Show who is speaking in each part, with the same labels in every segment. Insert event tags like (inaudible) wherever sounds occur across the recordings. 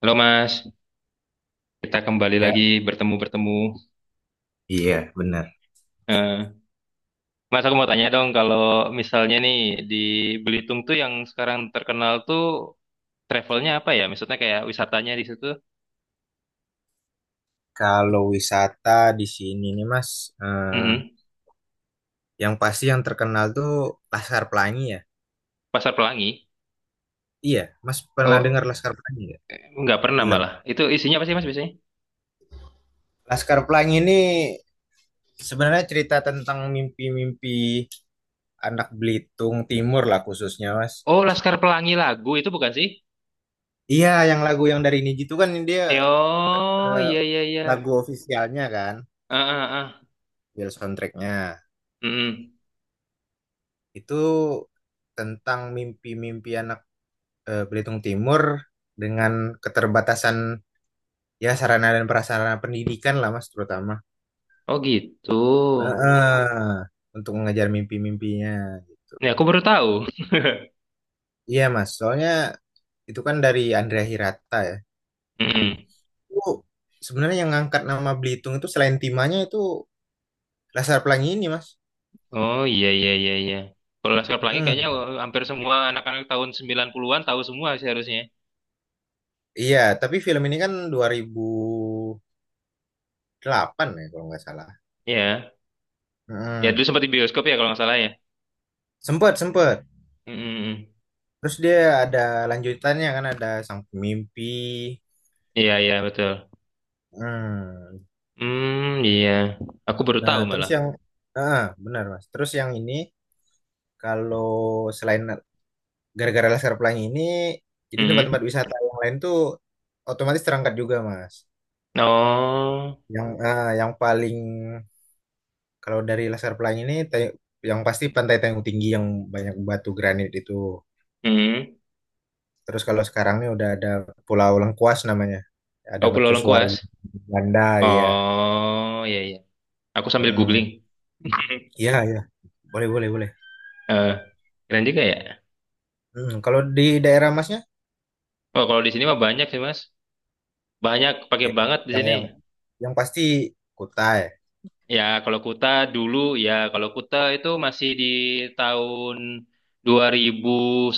Speaker 1: Halo Mas, kita kembali
Speaker 2: Ya,
Speaker 1: lagi bertemu-bertemu.
Speaker 2: iya, benar.
Speaker 1: Eh, Mas, aku mau tanya dong, kalau misalnya nih di Belitung tuh yang sekarang terkenal tuh travelnya apa ya? Maksudnya kayak wisatanya di situ?
Speaker 2: Kalau wisata di sini nih, Mas, eh,
Speaker 1: Mm-mm.
Speaker 2: yang pasti yang terkenal tuh Laskar Pelangi ya.
Speaker 1: Pasar Pelangi?
Speaker 2: Iya, Mas pernah dengar
Speaker 1: Oh,
Speaker 2: Laskar Pelangi nggak?
Speaker 1: nggak pernah
Speaker 2: Film.
Speaker 1: malah. Itu isinya apa sih Mas biasanya?
Speaker 2: Laskar Pelangi ini sebenarnya cerita tentang mimpi-mimpi anak Belitung Timur lah khususnya, Mas.
Speaker 1: Oh, Laskar Pelangi lagu itu bukan sih?
Speaker 2: Iya, yang lagu yang dari Niji itu kan dia
Speaker 1: Oh,
Speaker 2: eh,
Speaker 1: iya iya iya.
Speaker 2: lagu ofisialnya kan,
Speaker 1: Ah ah ah.
Speaker 2: Bill soundtracknya.
Speaker 1: Mm-mm.
Speaker 2: Itu tentang mimpi-mimpi anak Belitung Timur dengan keterbatasan ya sarana dan prasarana pendidikan lah Mas terutama.
Speaker 1: Oh gitu.
Speaker 2: Eh, eh, untuk mengejar mimpi-mimpinya gitu.
Speaker 1: Ya aku baru tahu.
Speaker 2: Iya Mas, soalnya itu kan dari Andrea Hirata ya.
Speaker 1: (laughs) Mm-mm.
Speaker 2: Itu sebenarnya yang ngangkat nama Belitung itu selain Timanya itu Laskar Pelangi ini Mas.
Speaker 1: Oh iya iya iya iya. Kalau Laskar Pelangi kayaknya
Speaker 2: Mm-mm.
Speaker 1: hampir semua anak-anak tahun 90-an tahu semua sih harusnya.
Speaker 2: Iya, tapi film ini kan 2008 ya kalau nggak salah.
Speaker 1: Iya. Ya dulu
Speaker 2: Mm.
Speaker 1: sempat di bioskop ya kalau nggak salah ya.
Speaker 2: Sempet, sempet.
Speaker 1: Mm, mm, mm.
Speaker 2: Terus dia ada lanjutannya kan ada Sang Pemimpi.
Speaker 1: Iya iya betul.
Speaker 2: Hmm.
Speaker 1: Hmm iya. Aku baru
Speaker 2: Nah,
Speaker 1: tahu
Speaker 2: terus
Speaker 1: malah.
Speaker 2: yang benar Mas. Terus yang ini kalau selain gara-gara laser pelangi ini jadi tempat-tempat
Speaker 1: Mm.
Speaker 2: wisata yang lain tuh otomatis terangkat juga Mas.
Speaker 1: Oh.
Speaker 2: Yang yang paling kalau dari laser pelangi ini yang pasti Pantai Tanjung Tinggi yang banyak batu granit itu.
Speaker 1: Mm.
Speaker 2: Terus kalau sekarang ini udah ada Pulau Lengkuas namanya. Ada
Speaker 1: Oh Pulau
Speaker 2: mercusuar
Speaker 1: Lengkuas.
Speaker 2: Belanda ya.
Speaker 1: Oh iya iya. Aku sambil
Speaker 2: Hmm.
Speaker 1: googling. (laughs)
Speaker 2: Iya, iya. Boleh, boleh, boleh.
Speaker 1: Eh, keren juga ya.
Speaker 2: Hmm. Kalau di daerah Masnya,
Speaker 1: Oh kalau di sini mah banyak sih Mas. Banyak pakai
Speaker 2: oke.
Speaker 1: banget di
Speaker 2: Yang
Speaker 1: sini.
Speaker 2: yang yang pasti Kutai.
Speaker 1: Ya, kalau Kuta dulu ya, kalau Kuta itu masih di tahun dua ribu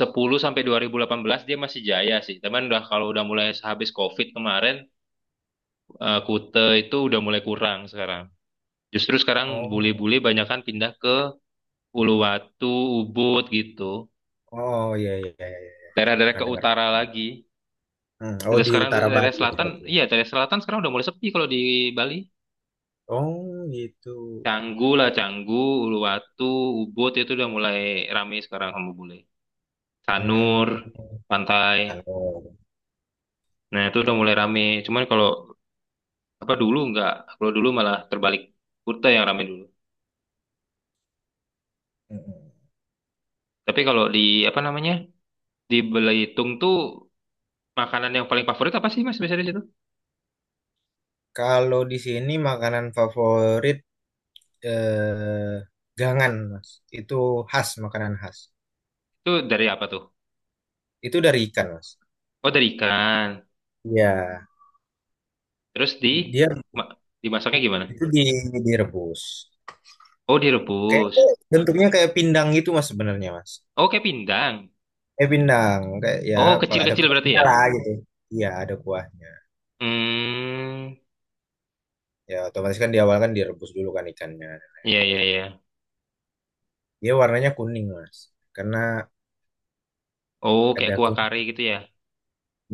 Speaker 1: sepuluh sampai 2018 dia masih jaya sih. Cuman udah kalau udah mulai habis COVID kemarin, Kuta itu udah mulai kurang sekarang. Justru sekarang
Speaker 2: Oh,
Speaker 1: bule-bule banyak kan pindah ke Uluwatu, Ubud gitu.
Speaker 2: oh iya iya iya iya.
Speaker 1: Daerah-daerah
Speaker 2: Pernah
Speaker 1: ke
Speaker 2: dengar.
Speaker 1: utara lagi.
Speaker 2: Hmm, oh
Speaker 1: Udah
Speaker 2: di
Speaker 1: sekarang
Speaker 2: utara
Speaker 1: daerah
Speaker 2: Bali itu
Speaker 1: selatan,
Speaker 2: berarti.
Speaker 1: iya daerah selatan sekarang udah mulai sepi kalau di Bali.
Speaker 2: Oh gitu.
Speaker 1: Canggu lah, Canggu, Uluwatu, Ubud itu udah mulai rame sekarang sama bule. Sanur,
Speaker 2: Hmm,
Speaker 1: pantai.
Speaker 2: Sano.
Speaker 1: Nah, itu udah mulai rame. Cuman kalau apa dulu nggak, kalau dulu malah terbalik Kuta yang rame dulu.
Speaker 2: Mm-mm.
Speaker 1: Tapi kalau di apa namanya? Di Belitung tuh makanan yang paling favorit apa sih Mas biasanya di situ?
Speaker 2: Kalau di sini makanan favorit eh, gangan, Mas. Itu khas, makanan khas.
Speaker 1: Itu dari apa tuh?
Speaker 2: Itu dari ikan, Mas.
Speaker 1: Oh, dari ikan.
Speaker 2: Iya,
Speaker 1: Terus di
Speaker 2: dia
Speaker 1: ma- dimasaknya gimana?
Speaker 2: itu di direbus.
Speaker 1: Oh,
Speaker 2: Kayak
Speaker 1: direbus.
Speaker 2: bentuknya kayak pindang gitu, Mas sebenarnya, Mas.
Speaker 1: Oh, kayak pindang.
Speaker 2: Eh, Pinang kayak ya,
Speaker 1: Oh,
Speaker 2: ada
Speaker 1: kecil-kecil berarti
Speaker 2: kuahnya
Speaker 1: ya?
Speaker 2: lah gitu, iya ada kuahnya,
Speaker 1: Hmm.
Speaker 2: ya otomatis kan di awal kan direbus dulu kan ikannya,
Speaker 1: Ya ya ya.
Speaker 2: dia warnanya kuning mas karena
Speaker 1: Oh, kayak
Speaker 2: ada
Speaker 1: kuah kari
Speaker 2: kunyit.
Speaker 1: gitu ya.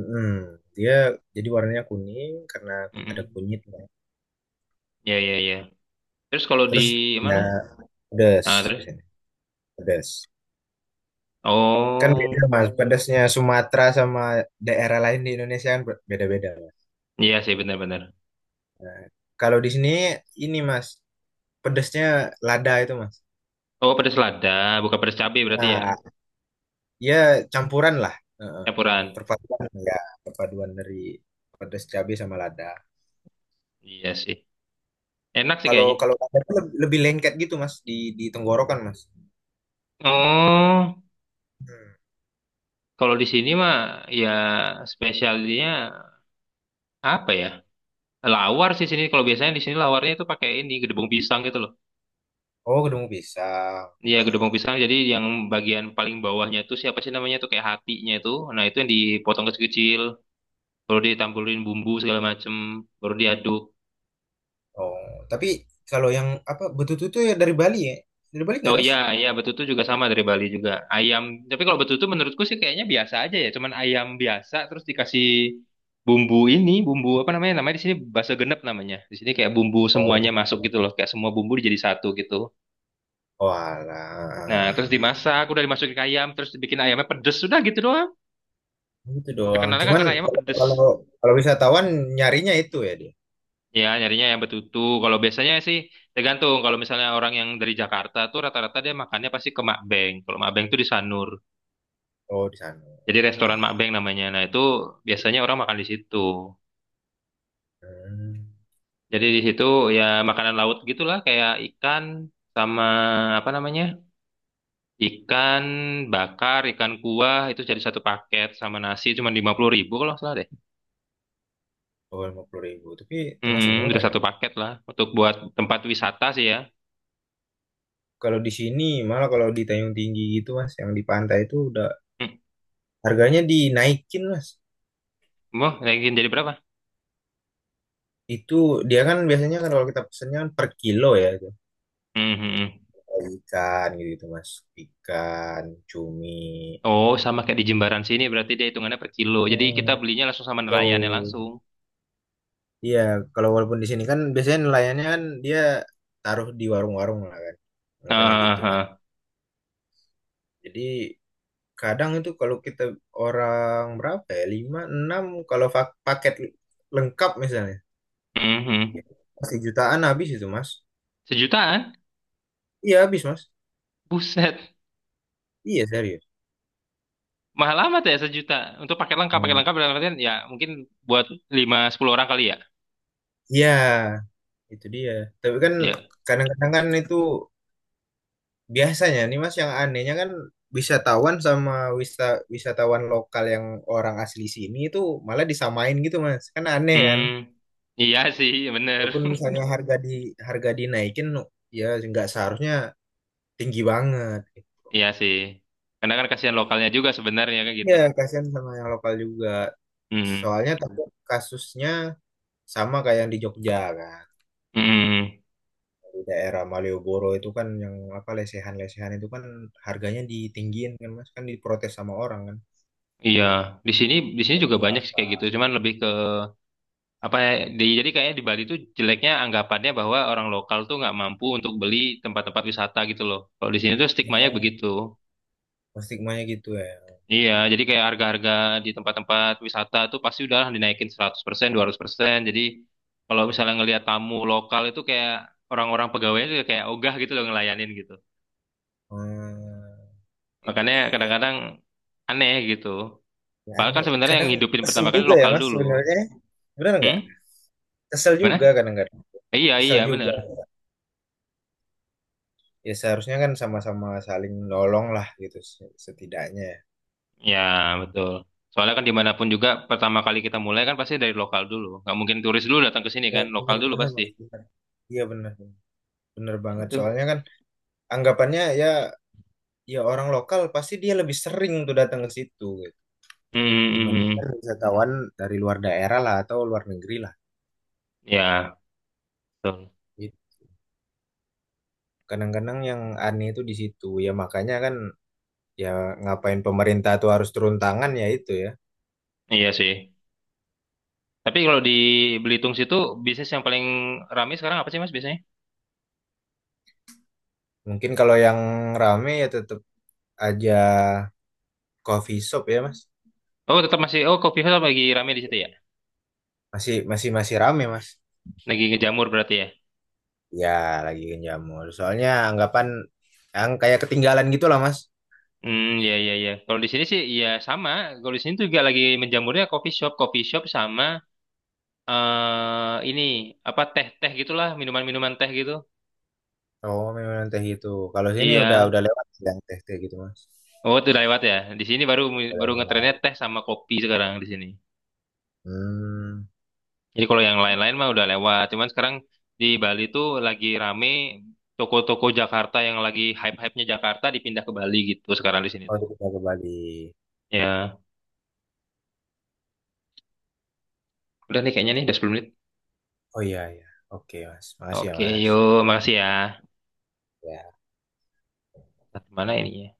Speaker 2: Mm, dia jadi warnanya kuning karena ada
Speaker 1: Mm-mm.
Speaker 2: kunyitnya.
Speaker 1: Ya ya. Iya. Terus kalau di
Speaker 2: Terus ya
Speaker 1: mana?
Speaker 2: pedas,
Speaker 1: Nah,
Speaker 2: di
Speaker 1: terus?
Speaker 2: sini pedas, kan beda
Speaker 1: Oh,
Speaker 2: mas pedasnya Sumatera sama daerah lain di Indonesia kan beda-beda mas.
Speaker 1: iya sih benar-benar.
Speaker 2: Nah, kalau di sini ini mas pedasnya lada itu mas.
Speaker 1: Oh, pedas lada, bukan pedas cabai berarti ya,
Speaker 2: Nah ya, campuran lah. Heeh.
Speaker 1: campuran.
Speaker 2: Perpaduan ya, perpaduan dari pedas cabai sama lada.
Speaker 1: Iya sih. Enak sih
Speaker 2: Kalau
Speaker 1: kayaknya.
Speaker 2: kalau lada tuh lebih, lebih lengket gitu mas di tenggorokan mas.
Speaker 1: Oh,
Speaker 2: Hmm.
Speaker 1: kalau di sini mah ya spesialnya apa ya? Lawar sih sini. Kalau biasanya di sini lawarnya itu pakai ini gedebong pisang gitu loh.
Speaker 2: Oh kedemu pisang.
Speaker 1: Iya,
Speaker 2: Ah.
Speaker 1: gedebong pisang. Jadi yang bagian paling bawahnya itu siapa sih namanya tuh kayak hatinya itu. Nah, itu yang dipotong kecil-kecil, baru ditambulin bumbu segala macem, baru diaduk.
Speaker 2: Oh tapi kalau yang apa betutu tuh ya dari Bali ya, dari Bali nggak
Speaker 1: Oh
Speaker 2: mas?
Speaker 1: iya, iya betutu juga sama dari Bali juga. Ayam, tapi kalau betutu menurutku sih kayaknya biasa aja ya, cuman ayam biasa terus dikasih bumbu ini, bumbu apa namanya? Namanya di sini bahasa genep namanya. Di sini kayak bumbu semuanya
Speaker 2: Oh,
Speaker 1: masuk gitu loh, kayak semua bumbu jadi satu gitu. Nah,
Speaker 2: walah,
Speaker 1: terus dimasak, udah dimasukin ke ayam, terus dibikin ayamnya pedes, sudah gitu doang.
Speaker 2: gitu doang.
Speaker 1: Terkenalnya kan
Speaker 2: Cuman
Speaker 1: karena ayamnya
Speaker 2: kalau
Speaker 1: pedes.
Speaker 2: kalau kalau wisatawan nyarinya itu ya dia.
Speaker 1: Ya, nyarinya yang betutu. Kalau biasanya sih tergantung. Kalau misalnya orang yang dari Jakarta tuh rata-rata dia makannya pasti ke Makbeng. Kalau Makbeng tuh di Sanur.
Speaker 2: Oh di sana.
Speaker 1: Jadi restoran
Speaker 2: Ah.
Speaker 1: Makbeng namanya. Nah, itu biasanya orang makan di situ.
Speaker 2: Hmm.
Speaker 1: Jadi di situ ya makanan laut gitulah kayak ikan sama apa namanya? Ikan bakar, ikan kuah itu jadi satu paket sama nasi cuma 50.000 kalau nggak salah deh.
Speaker 2: Oh 50.000, tapi termasuk
Speaker 1: Hmm,
Speaker 2: murah
Speaker 1: udah
Speaker 2: ya.
Speaker 1: satu paket lah untuk buat tempat wisata sih ya.
Speaker 2: Kalau di sini malah kalau di Tanjung Tinggi gitu mas, yang di pantai itu udah
Speaker 1: Hmm,
Speaker 2: harganya dinaikin mas.
Speaker 1: mau naikin jadi berapa?
Speaker 2: Itu dia kan biasanya kan kalau kita pesennya kan per kilo ya itu.
Speaker 1: Hmm, hmm, hmm.
Speaker 2: Ikan gitu, gitu mas, ikan, cumi.
Speaker 1: Oh, sama kayak di Jimbaran sini berarti dia hitungannya per kilo. Jadi
Speaker 2: Hmm,
Speaker 1: kita belinya langsung sama nelayannya
Speaker 2: low.
Speaker 1: langsung.
Speaker 2: Iya, kalau walaupun di sini kan biasanya nelayannya kan dia taruh di warung-warung lah kan. Makanya
Speaker 1: Ah,
Speaker 2: gitu
Speaker 1: ah,
Speaker 2: kan.
Speaker 1: ah.
Speaker 2: Jadi kadang itu kalau kita orang berapa ya? 5, 6 kalau paket lengkap misalnya.
Speaker 1: Hmm, hmm.
Speaker 2: Pasti jutaan habis itu, Mas.
Speaker 1: Sejutaan?
Speaker 2: Iya, habis, Mas.
Speaker 1: Buset.
Speaker 2: Iya, serius.
Speaker 1: Mahal amat ya sejuta. Untuk paket
Speaker 2: Hmm.
Speaker 1: lengkap dalam artian ya mungkin buat 5 10 orang kali ya.
Speaker 2: Iya, itu dia. Tapi kan
Speaker 1: Ya.
Speaker 2: kadang-kadang kan itu biasanya nih, Mas, yang anehnya kan wisatawan sama wisa wisatawan lokal yang orang asli sini itu malah disamain gitu, Mas. Kan aneh
Speaker 1: Hmm,
Speaker 2: kan?
Speaker 1: iya sih, bener.
Speaker 2: Walaupun
Speaker 1: (laughs)
Speaker 2: misalnya harga di, harga dinaikin ya nggak seharusnya tinggi banget gitu.
Speaker 1: Iya sih. Karena kan kasihan lokalnya juga sebenarnya kayak
Speaker 2: Ya,
Speaker 1: gitu.
Speaker 2: kasihan sama yang lokal juga.
Speaker 1: Hmm.
Speaker 2: Soalnya tapi kasusnya sama kayak yang di Jogja kan.
Speaker 1: Hmm.
Speaker 2: Di daerah Malioboro itu kan yang apa lesehan-lesehan itu kan harganya ditinggiin kan Mas kan diprotes sama orang kan.
Speaker 1: Iya, di sini juga banyak sih kayak gitu. Cuman lebih ke apa ya? Jadi kayaknya di Bali tuh jeleknya anggapannya bahwa orang lokal tuh nggak mampu untuk beli tempat-tempat wisata gitu loh. Kalau di sini tuh stigmanya
Speaker 2: Oh,
Speaker 1: begitu.
Speaker 2: stigmanya gitu ya.
Speaker 1: Iya, jadi kayak harga-harga di tempat-tempat wisata tuh pasti udah dinaikin 100%, 200%. Jadi kalau misalnya ngelihat tamu lokal itu kayak orang-orang pegawainya tuh kayak ogah gitu loh ngelayanin gitu.
Speaker 2: Hmm, itu
Speaker 1: Makanya
Speaker 2: dia ya.
Speaker 1: kadang-kadang aneh gitu.
Speaker 2: Ya
Speaker 1: Padahal kan
Speaker 2: aneh.
Speaker 1: sebenarnya yang
Speaker 2: Kadang
Speaker 1: hidupin
Speaker 2: kesel
Speaker 1: pertama kali
Speaker 2: juga ya
Speaker 1: lokal
Speaker 2: Mas
Speaker 1: dulu.
Speaker 2: sebenarnya. Benar nggak?
Speaker 1: Hmm?
Speaker 2: Kesel
Speaker 1: Gimana?
Speaker 2: juga kadang-kadang.
Speaker 1: Iya,
Speaker 2: Kesel
Speaker 1: iya,
Speaker 2: juga.
Speaker 1: bener.
Speaker 2: Ya seharusnya kan sama-sama saling nolong lah gitu setidaknya ya.
Speaker 1: Ya, betul. Soalnya kan dimanapun juga pertama kali kita mulai kan pasti dari lokal dulu. Nggak mungkin turis dulu datang ke sini
Speaker 2: Ya,
Speaker 1: kan, lokal dulu
Speaker 2: benar-benar
Speaker 1: pasti.
Speaker 2: Mas. Benar. Iya benar. Benar banget.
Speaker 1: Itu.
Speaker 2: Soalnya kan anggapannya ya, ya orang lokal pasti dia lebih sering tuh datang ke situ gitu.
Speaker 1: Hmm, hmm,
Speaker 2: Dibandingkan
Speaker 1: hmm.
Speaker 2: wisatawan dari luar daerah lah atau luar negeri lah
Speaker 1: Ya, betul.
Speaker 2: gitu. Kadang-kadang yang aneh itu di situ ya makanya kan, ya ngapain pemerintah tuh harus turun tangan ya itu ya.
Speaker 1: Iya sih. Tapi kalau di Belitung situ bisnis yang paling ramai sekarang apa sih Mas biasanya?
Speaker 2: Mungkin kalau yang rame ya tetap aja coffee shop ya mas.
Speaker 1: Oh, tetap masih Coffee House lagi ramai di situ ya.
Speaker 2: Masih masih masih rame mas.
Speaker 1: Lagi ngejamur berarti ya.
Speaker 2: Ya lagi jamur soalnya anggapan yang kayak ketinggalan gitu lah mas.
Speaker 1: Hmm, ya ya ya. Kalau di sini sih ya sama. Kalau di sini juga lagi menjamurnya coffee shop sama ini apa teh-teh gitulah, minuman-minuman teh gitu.
Speaker 2: Oh memang teh itu kalau sini
Speaker 1: Iya.
Speaker 2: udah lewat yang teh teh gitu mas.
Speaker 1: Oh, itu udah lewat ya. Di sini baru
Speaker 2: Udah
Speaker 1: baru ngetrennya
Speaker 2: lewat.
Speaker 1: teh sama kopi sekarang di sini.
Speaker 2: Hmm.
Speaker 1: Jadi kalau yang lain-lain mah udah lewat. Cuman sekarang di Bali tuh lagi rame toko-toko Jakarta yang lagi hype-hypenya Jakarta dipindah ke Bali gitu sekarang di sini
Speaker 2: Oh
Speaker 1: tuh.
Speaker 2: udah pindah ke Bali.
Speaker 1: Ya, udah nih kayaknya nih udah 10 menit.
Speaker 2: Oh iya, iya. Oke, Mas. Makasih ya,
Speaker 1: Oke,
Speaker 2: Mas.
Speaker 1: yuk. Makasih ya.
Speaker 2: Ya.
Speaker 1: Mana ini ya?